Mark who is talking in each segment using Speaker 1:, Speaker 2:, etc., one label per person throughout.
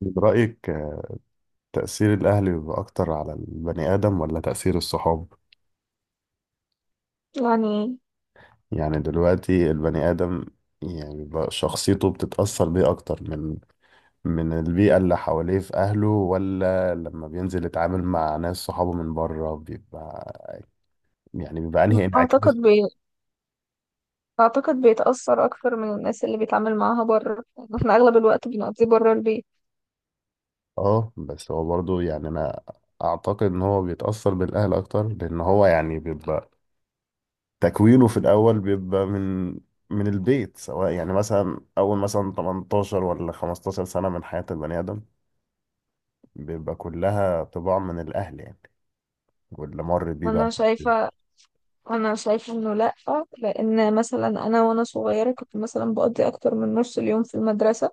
Speaker 1: برأيك تأثير الأهل بيبقى أكتر على البني آدم ولا تأثير الصحاب؟
Speaker 2: يعني
Speaker 1: يعني دلوقتي البني آدم يعني بيبقى شخصيته بتتأثر بيه أكتر من البيئة اللي حواليه في أهله، ولا لما بينزل يتعامل مع ناس صحابه من بره بيبقى يعني بيبقى أنهي
Speaker 2: أعتقد
Speaker 1: انعكاس.
Speaker 2: بي... أعتقد بيتأثر أكتر من الناس اللي بيتعامل معاها بره. يعني احنا أغلب الوقت بنقضيه بره البيت.
Speaker 1: اه، بس هو برضه يعني أنا أعتقد إن هو بيتأثر بالأهل أكتر، لأن هو يعني بيبقى تكوينه في الأول بيبقى من البيت. سواء يعني مثلا أول مثلا 18 ولا 15 سنة من حياة البني آدم بيبقى كلها طباع من الأهل يعني، واللي مر بيه بقى.
Speaker 2: وأنا شايفة أنا شايفة إنه لأ، لأن مثلا أنا وأنا صغيرة كنت مثلا بقضي أكتر من نص اليوم في المدرسة،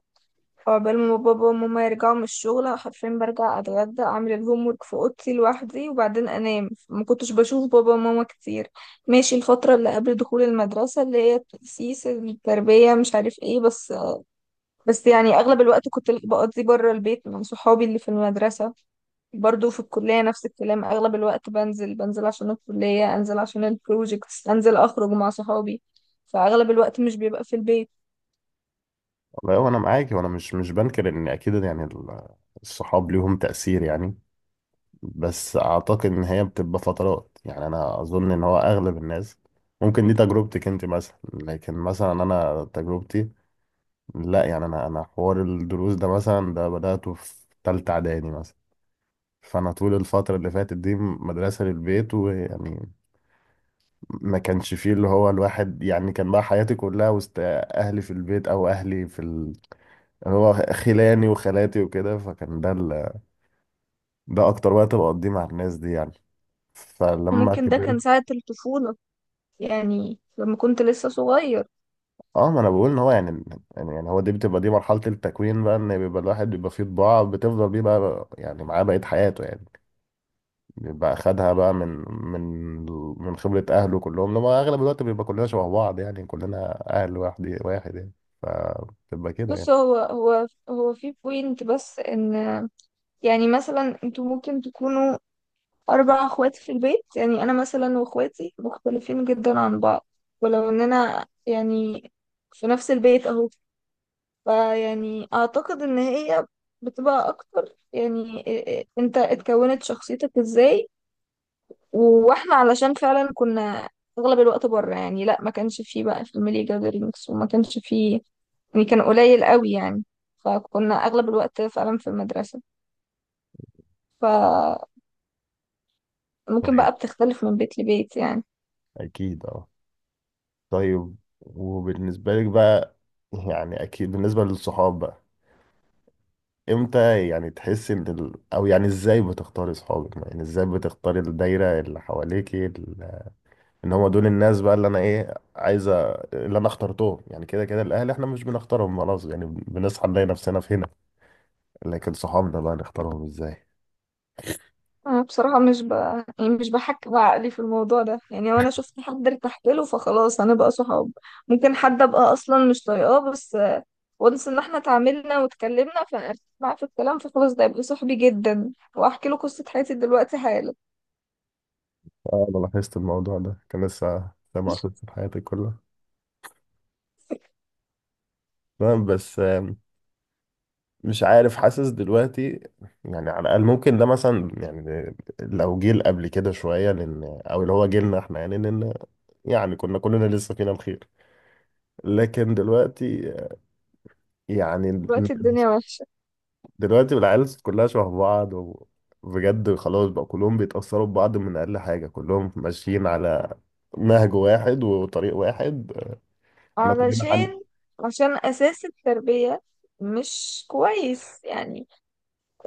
Speaker 2: فعقبال ما بابا وماما يرجعوا من الشغل حرفيا برجع أتغدى أعمل الهوم ورك في أوضتي لوحدي وبعدين أنام. ما كنتش بشوف بابا وماما كتير. ماشي، الفترة اللي قبل دخول المدرسة اللي هي التأسيس، التربية، مش عارف ايه، بس بس يعني اغلب الوقت كنت بقضي بره البيت مع صحابي اللي في المدرسة. برضو في الكلية نفس الكلام، اغلب الوقت بنزل عشان الكلية، انزل عشان البروجكتس، انزل اخرج مع صحابي، فاغلب الوقت مش بيبقى في البيت.
Speaker 1: والله وأنا معاك، وأنا مش بنكر إن أكيد يعني الصحاب ليهم تأثير يعني. بس أعتقد إن هي بتبقى فترات، يعني أنا أظن إن هو أغلب الناس ممكن دي تجربتك أنت مثلا، لكن مثلا أنا تجربتي لا. يعني أنا حوار الدروس ده مثلا ده بدأته في تالتة إعدادي مثلا، فانا طول الفتره اللي فاتت دي مدرسه للبيت، ويعني ما كانش فيه اللي هو الواحد يعني. كان بقى حياتي كلها وسط اهلي في البيت، او اهلي في اللي هو خلاني وخالاتي وكده، فكان ده ده اكتر وقت بقضيه مع الناس دي يعني. فلما
Speaker 2: وممكن ده
Speaker 1: كبرت،
Speaker 2: كان ساعة الطفولة، يعني لما كنت لسه صغير.
Speaker 1: اه، ما انا بقول ان هو يعني، يعني هو دي بتبقى دي مرحله التكوين بقى، ان بيبقى الواحد بيبقى فيه طباع بتفضل بيه بقى يعني معاه بقيه حياته يعني. بيبقى خدها بقى من خبرة أهله كلهم، لما أغلب الوقت بيبقى كلنا شبه بعض يعني، كلنا أهل واحد واحد يعني، فبتبقى كده
Speaker 2: بص،
Speaker 1: يعني.
Speaker 2: هو في بوينت، بس ان يعني مثلا انتوا ممكن تكونوا أربع أخوات في البيت، يعني أنا مثلا وأخواتي مختلفين جدا عن بعض، ولو إننا يعني في نفس البيت أهو. فيعني أعتقد إن هي بتبقى أكتر يعني، أنت اتكونت شخصيتك إزاي. وإحنا علشان فعلا كنا أغلب الوقت بره، يعني لأ، ما كانش فيه بقى في الميلي جادرينجز، وما كانش فيه يعني، كان قليل قوي يعني. فكنا أغلب الوقت فعلا في المدرسة. فممكن
Speaker 1: طيب،
Speaker 2: بقى بتختلف من بيت لبيت يعني.
Speaker 1: أكيد أه. طيب، وبالنسبة لك بقى، يعني أكيد بالنسبة للصحاب بقى، إمتى يعني تحس إن أو يعني إزاي بتختاري صحابك؟ يعني إزاي بتختاري الدايرة اللي حواليكي إن هما دول الناس بقى اللي أنا إيه عايزة، اللي أنا اخترتهم؟ يعني كده كده الأهل إحنا مش بنختارهم خلاص، يعني بنصحى نلاقي نفسنا في هنا، لكن صحابنا بقى نختارهم ازاي؟
Speaker 2: أنا بصراحة مش ب... يعني مش بحكي بعقلي في الموضوع ده، يعني وأنا شفت حد ارتحت له فخلاص هنبقى صحاب. ممكن حد أبقى أصلا مش طايقاه، بس وانس إن احنا اتعاملنا واتكلمنا فأنا معاه في الكلام، فخلاص ده يبقى صاحبي جدا وأحكي له قصة حياتي دلوقتي حالا.
Speaker 1: اه، انا لاحظت الموضوع ده، كان لسه سامع قصة حياتي كلها. تمام، بس مش عارف، حاسس دلوقتي يعني على الاقل ممكن ده مثلا، يعني لو جيل قبل كده شويه لان، او اللي هو جيلنا احنا يعني لان، يعني كنا كلنا لسه فينا الخير. لكن دلوقتي يعني
Speaker 2: دلوقتي الدنيا وحشة،
Speaker 1: دلوقتي العيال كلها شبه بعض، وبجد خلاص بقى كلهم بيتاثروا ببعض من اقل حاجه، كلهم ماشيين على نهج واحد وطريق واحد. احنا كلنا عندك.
Speaker 2: علشان، عشان أساس التربية مش كويس يعني.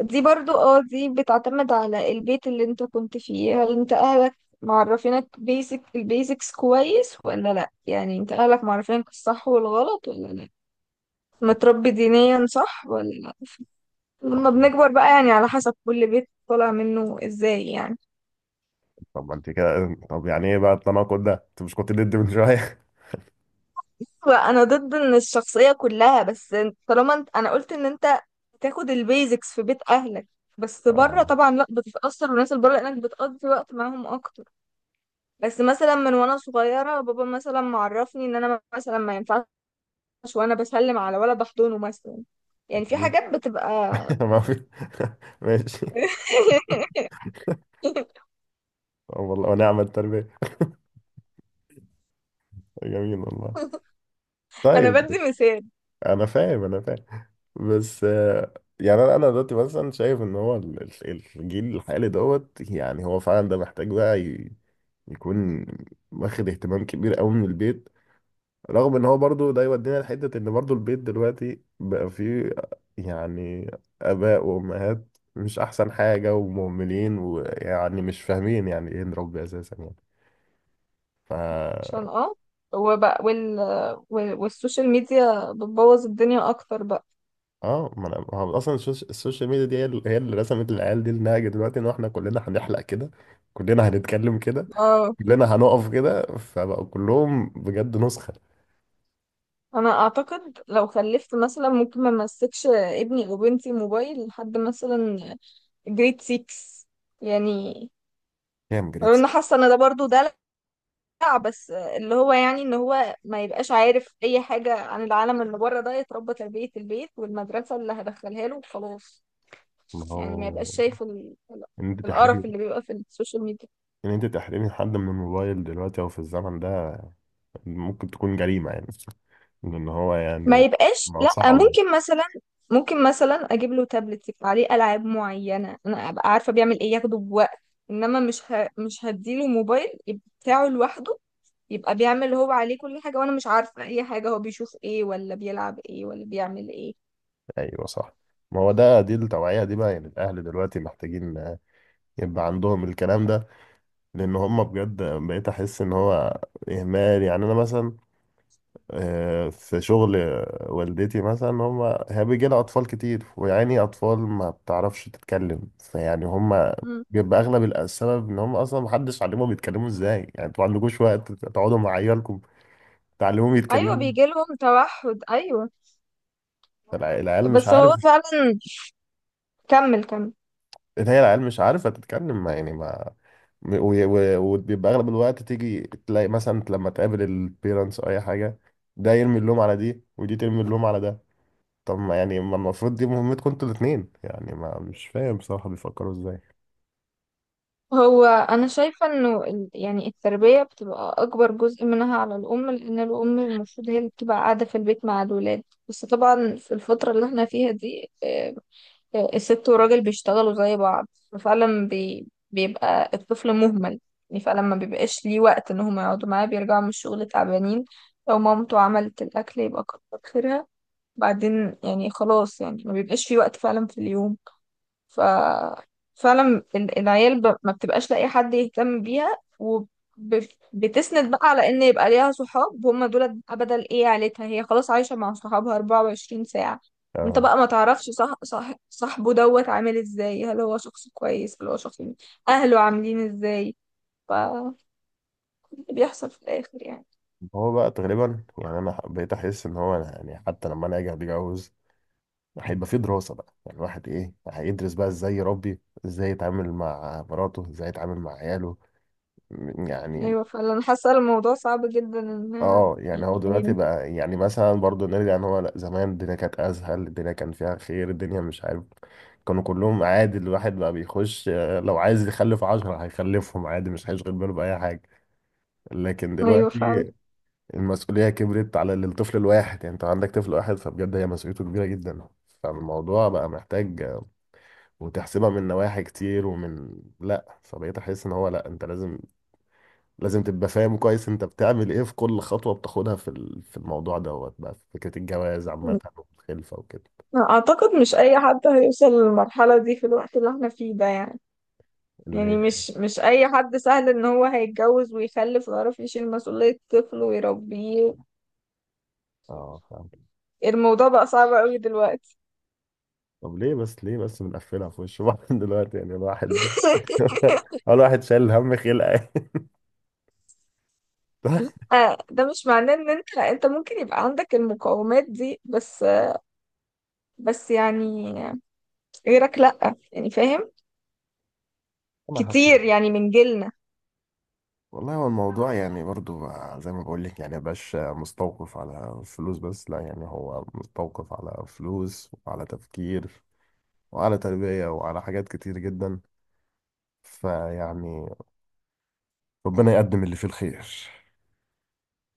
Speaker 2: دي برضو اه دي بتعتمد على البيت اللي انت كنت فيه، هل انت اهلك معرفينك بيسك البيسكس كويس ولا لا، يعني انت اهلك معرفينك الصح والغلط ولا لا، متربي دينيا صح ولا لا. لما بنكبر بقى يعني على حسب كل بيت طالع منه ازاي يعني.
Speaker 1: طب ما انت كده، طب يعني ايه بقى التناقض ده، انت مش كنت ضد من شويه؟
Speaker 2: انا ضد ان الشخصية كلها، بس طالما انت، انا قلت ان انت تاخد البيزكس في بيت اهلك، بس
Speaker 1: آه،
Speaker 2: بره طبعا لا بتتأثر والناس اللي بره لانك بتقضي وقت معاهم اكتر. بس مثلا من وانا صغيرة بابا مثلا معرفني ان انا مثلا ما ينفعش وانا بسلم على ولا بحضنه مثلا، يعني في
Speaker 1: اكيد.
Speaker 2: حاجات بتبقى.
Speaker 1: ما في ماشي. طب والله ونعم التربيه، جميل والله.
Speaker 2: انا
Speaker 1: طيب،
Speaker 2: بدي مثال.
Speaker 1: انا فاهم، انا فاهم، بس يعني انا، أنا دلوقتي مثلا شايف ان هو الجيل الحالي دوت، يعني هو فعلا ده محتاج بقى يكون واخد اهتمام كبير قوي من البيت. رغم ان هو برضو ده يودينا لحتة ان برضو البيت دلوقتي بقى فيه يعني اباء وامهات مش احسن حاجة، ومهملين، ويعني مش فاهمين يعني ايه نربي اساسا يعني. ف،
Speaker 2: عشان اه، وبقى وال... والسوشيال ميديا بتبوظ الدنيا اكتر بقى.
Speaker 1: اه، ما انا ما هو اصلا السوشيال ميديا دي هي اللي، هي اللي رسمت العيال دي النهج دلوقتي، ان احنا كلنا هنحلق كده، كلنا هنتكلم كده،
Speaker 2: اه
Speaker 1: كلنا هنقف كده، فبقوا كلهم بجد نسخة.
Speaker 2: انا اعتقد لو خلفت مثلا ممكن ما امسكش ابني او بنتي موبايل لحد مثلا جريد 6، يعني
Speaker 1: كام
Speaker 2: لو
Speaker 1: جريتسي؟
Speaker 2: انا حاسه ان ده برضو ده، بس اللي هو يعني ان هو ما يبقاش عارف اي حاجة عن العالم اللي بره ده، يتربى تربية البيت والمدرسة اللي هدخلها له وخلاص.
Speaker 1: ما
Speaker 2: يعني ما
Speaker 1: هو
Speaker 2: يبقاش شايف
Speaker 1: ان انت
Speaker 2: القرف
Speaker 1: تحرمي،
Speaker 2: اللي بيبقى في السوشيال ميديا.
Speaker 1: ان انت تحرمي حد من الموبايل دلوقتي او في الزمن ده، ممكن تكون جريمة يعني، لأن هو
Speaker 2: ما
Speaker 1: يعني
Speaker 2: يبقاش،
Speaker 1: ما هو
Speaker 2: لا
Speaker 1: صعب.
Speaker 2: ممكن مثلا، ممكن مثلا اجيب له تابلت يبقى عليه العاب معينة انا ابقى عارفة بيعمل ايه، ياخده بوقت. انما مش هديله موبايل يبقى بتاعه لوحده، يبقى بيعمل هو عليه كل حاجة وانا مش عارفة اي حاجة، هو بيشوف ايه ولا بيلعب ايه ولا بيعمل ايه.
Speaker 1: أيوه صح، ما هو ده، دي التوعية دي بقى يعني الأهل دلوقتي محتاجين يبقى عندهم الكلام ده. لأن هم بجد بقيت أحس إن هو إهمال. يعني أنا مثلا في شغل والدتي مثلا، هم، هي بيجي لها أطفال كتير، ويعني أطفال ما بتعرفش تتكلم، فيعني هم بيبقى أغلب السبب إن هم أصلا محدش علمهم يتكلموا إزاي. يعني أنتوا ما عندكوش وقت تقعدوا مع عيالكم تعلموهم
Speaker 2: ايوه
Speaker 1: يتكلموا؟
Speaker 2: بيجي لهم توحد، ايوه.
Speaker 1: فالعيال مش
Speaker 2: بس هو
Speaker 1: عارف،
Speaker 2: فعلا، كمل كمل.
Speaker 1: إن هي العيال مش عارفة تتكلم ما يعني ما، وبيبقى أغلب الوقت تيجي تلاقي مثلا لما تقابل البيرنتس أو أي حاجة، ده يرمي اللوم على دي، ودي ترمي اللوم على ده. طب ما يعني ما المفروض دي مهمتكم انتوا الاتنين يعني، ما مش فاهم بصراحة بيفكروا ازاي.
Speaker 2: هو انا شايفه انه يعني التربيه بتبقى اكبر جزء منها على الام، لان الام المفروض هي اللي بتبقى قاعده في البيت مع الولاد. بس طبعا في الفتره اللي احنا فيها دي الست والراجل بيشتغلوا زي بعض، ففعلا بيبقى الطفل مهمل، يعني فعلا ما بيبقاش ليه وقت ان هم يقعدوا معاه، بيرجعوا من الشغل تعبانين، لو مامته عملت الاكل يبقى كتر خيرها. بعدين يعني خلاص يعني ما بيبقاش في وقت فعلا في اليوم. ف فعلا العيال ما بتبقاش لاقي حد يهتم بيها، وبتسند بقى على ان يبقى ليها صحاب هم دول بقى بدل ايه عيلتها، هي خلاص عايشة مع صحابها 24 ساعة. انت
Speaker 1: اه،
Speaker 2: بقى ما تعرفش صاحبه دوت عامل ازاي، هل هو شخص كويس، هل هو شخص اهله عاملين ازاي. ف اللي بيحصل في الاخر يعني.
Speaker 1: هو بقى تقريبا يعني انا بقيت احس ان هو أنا يعني حتى لما انا اجي اتجوز، هيبقى في دراسة بقى يعني الواحد ايه، هيدرس بقى ازاي يربي، ازاي يتعامل مع مراته، ازاي يتعامل مع عياله يعني.
Speaker 2: ايوه فعلا، حاسة الموضوع صعب جدا ان
Speaker 1: اه، يعني هو دلوقتي
Speaker 2: يعني.
Speaker 1: بقى يعني مثلا برضو نرجع، ان هو لا زمان الدنيا كانت اسهل، الدنيا كان فيها خير، الدنيا مش عارف، كانوا كلهم عادي، الواحد بقى بيخش لو عايز يخلف عشرة هيخلفهم عادي، مش هيشغل باله بأي حاجة. لكن
Speaker 2: ايوه فعلا.
Speaker 1: دلوقتي المسؤولية كبرت على الطفل الواحد، يعني انت عندك طفل واحد فبجد هي مسؤوليته كبيرة جدا. فالموضوع بقى محتاج وتحسبها من نواحي كتير ومن لا، فبقيت احس ان هو لا، انت لازم، لازم تبقى فاهم كويس انت بتعمل ايه في كل خطوة بتاخدها في في الموضوع دوت بقى، في فكرة الجواز عامة والخلفة وكده.
Speaker 2: أعتقد مش أي حد هيوصل للمرحلة دي في الوقت اللي احنا فيه ده، يعني
Speaker 1: اللي هي
Speaker 2: يعني مش
Speaker 1: إيه؟
Speaker 2: مش أي حد سهل إن هو هيتجوز ويخلف ويعرف يشيل مسؤولية طفل ويربيه.
Speaker 1: اه فاهم.
Speaker 2: الموضوع بقى صعب أوي دلوقتي.
Speaker 1: طب ليه بس، ليه بس بنقفلها في وش بعض دلوقتي يعني الواحد اول واحد شايل هم خلقه.
Speaker 2: آه، ده مش معناه إن أنت، أنت ممكن يبقى عندك المقومات دي، بس بس يعني غيرك لأ يعني، فاهم،
Speaker 1: ما حكم.
Speaker 2: كتير يعني من جيلنا.
Speaker 1: والله هو الموضوع يعني برضو زي ما بقول لك يعني مبقاش مستوقف على فلوس بس، لا يعني هو مستوقف على فلوس وعلى تفكير وعلى تربية وعلى حاجات كتير جدا. فيعني ربنا يقدم اللي فيه الخير.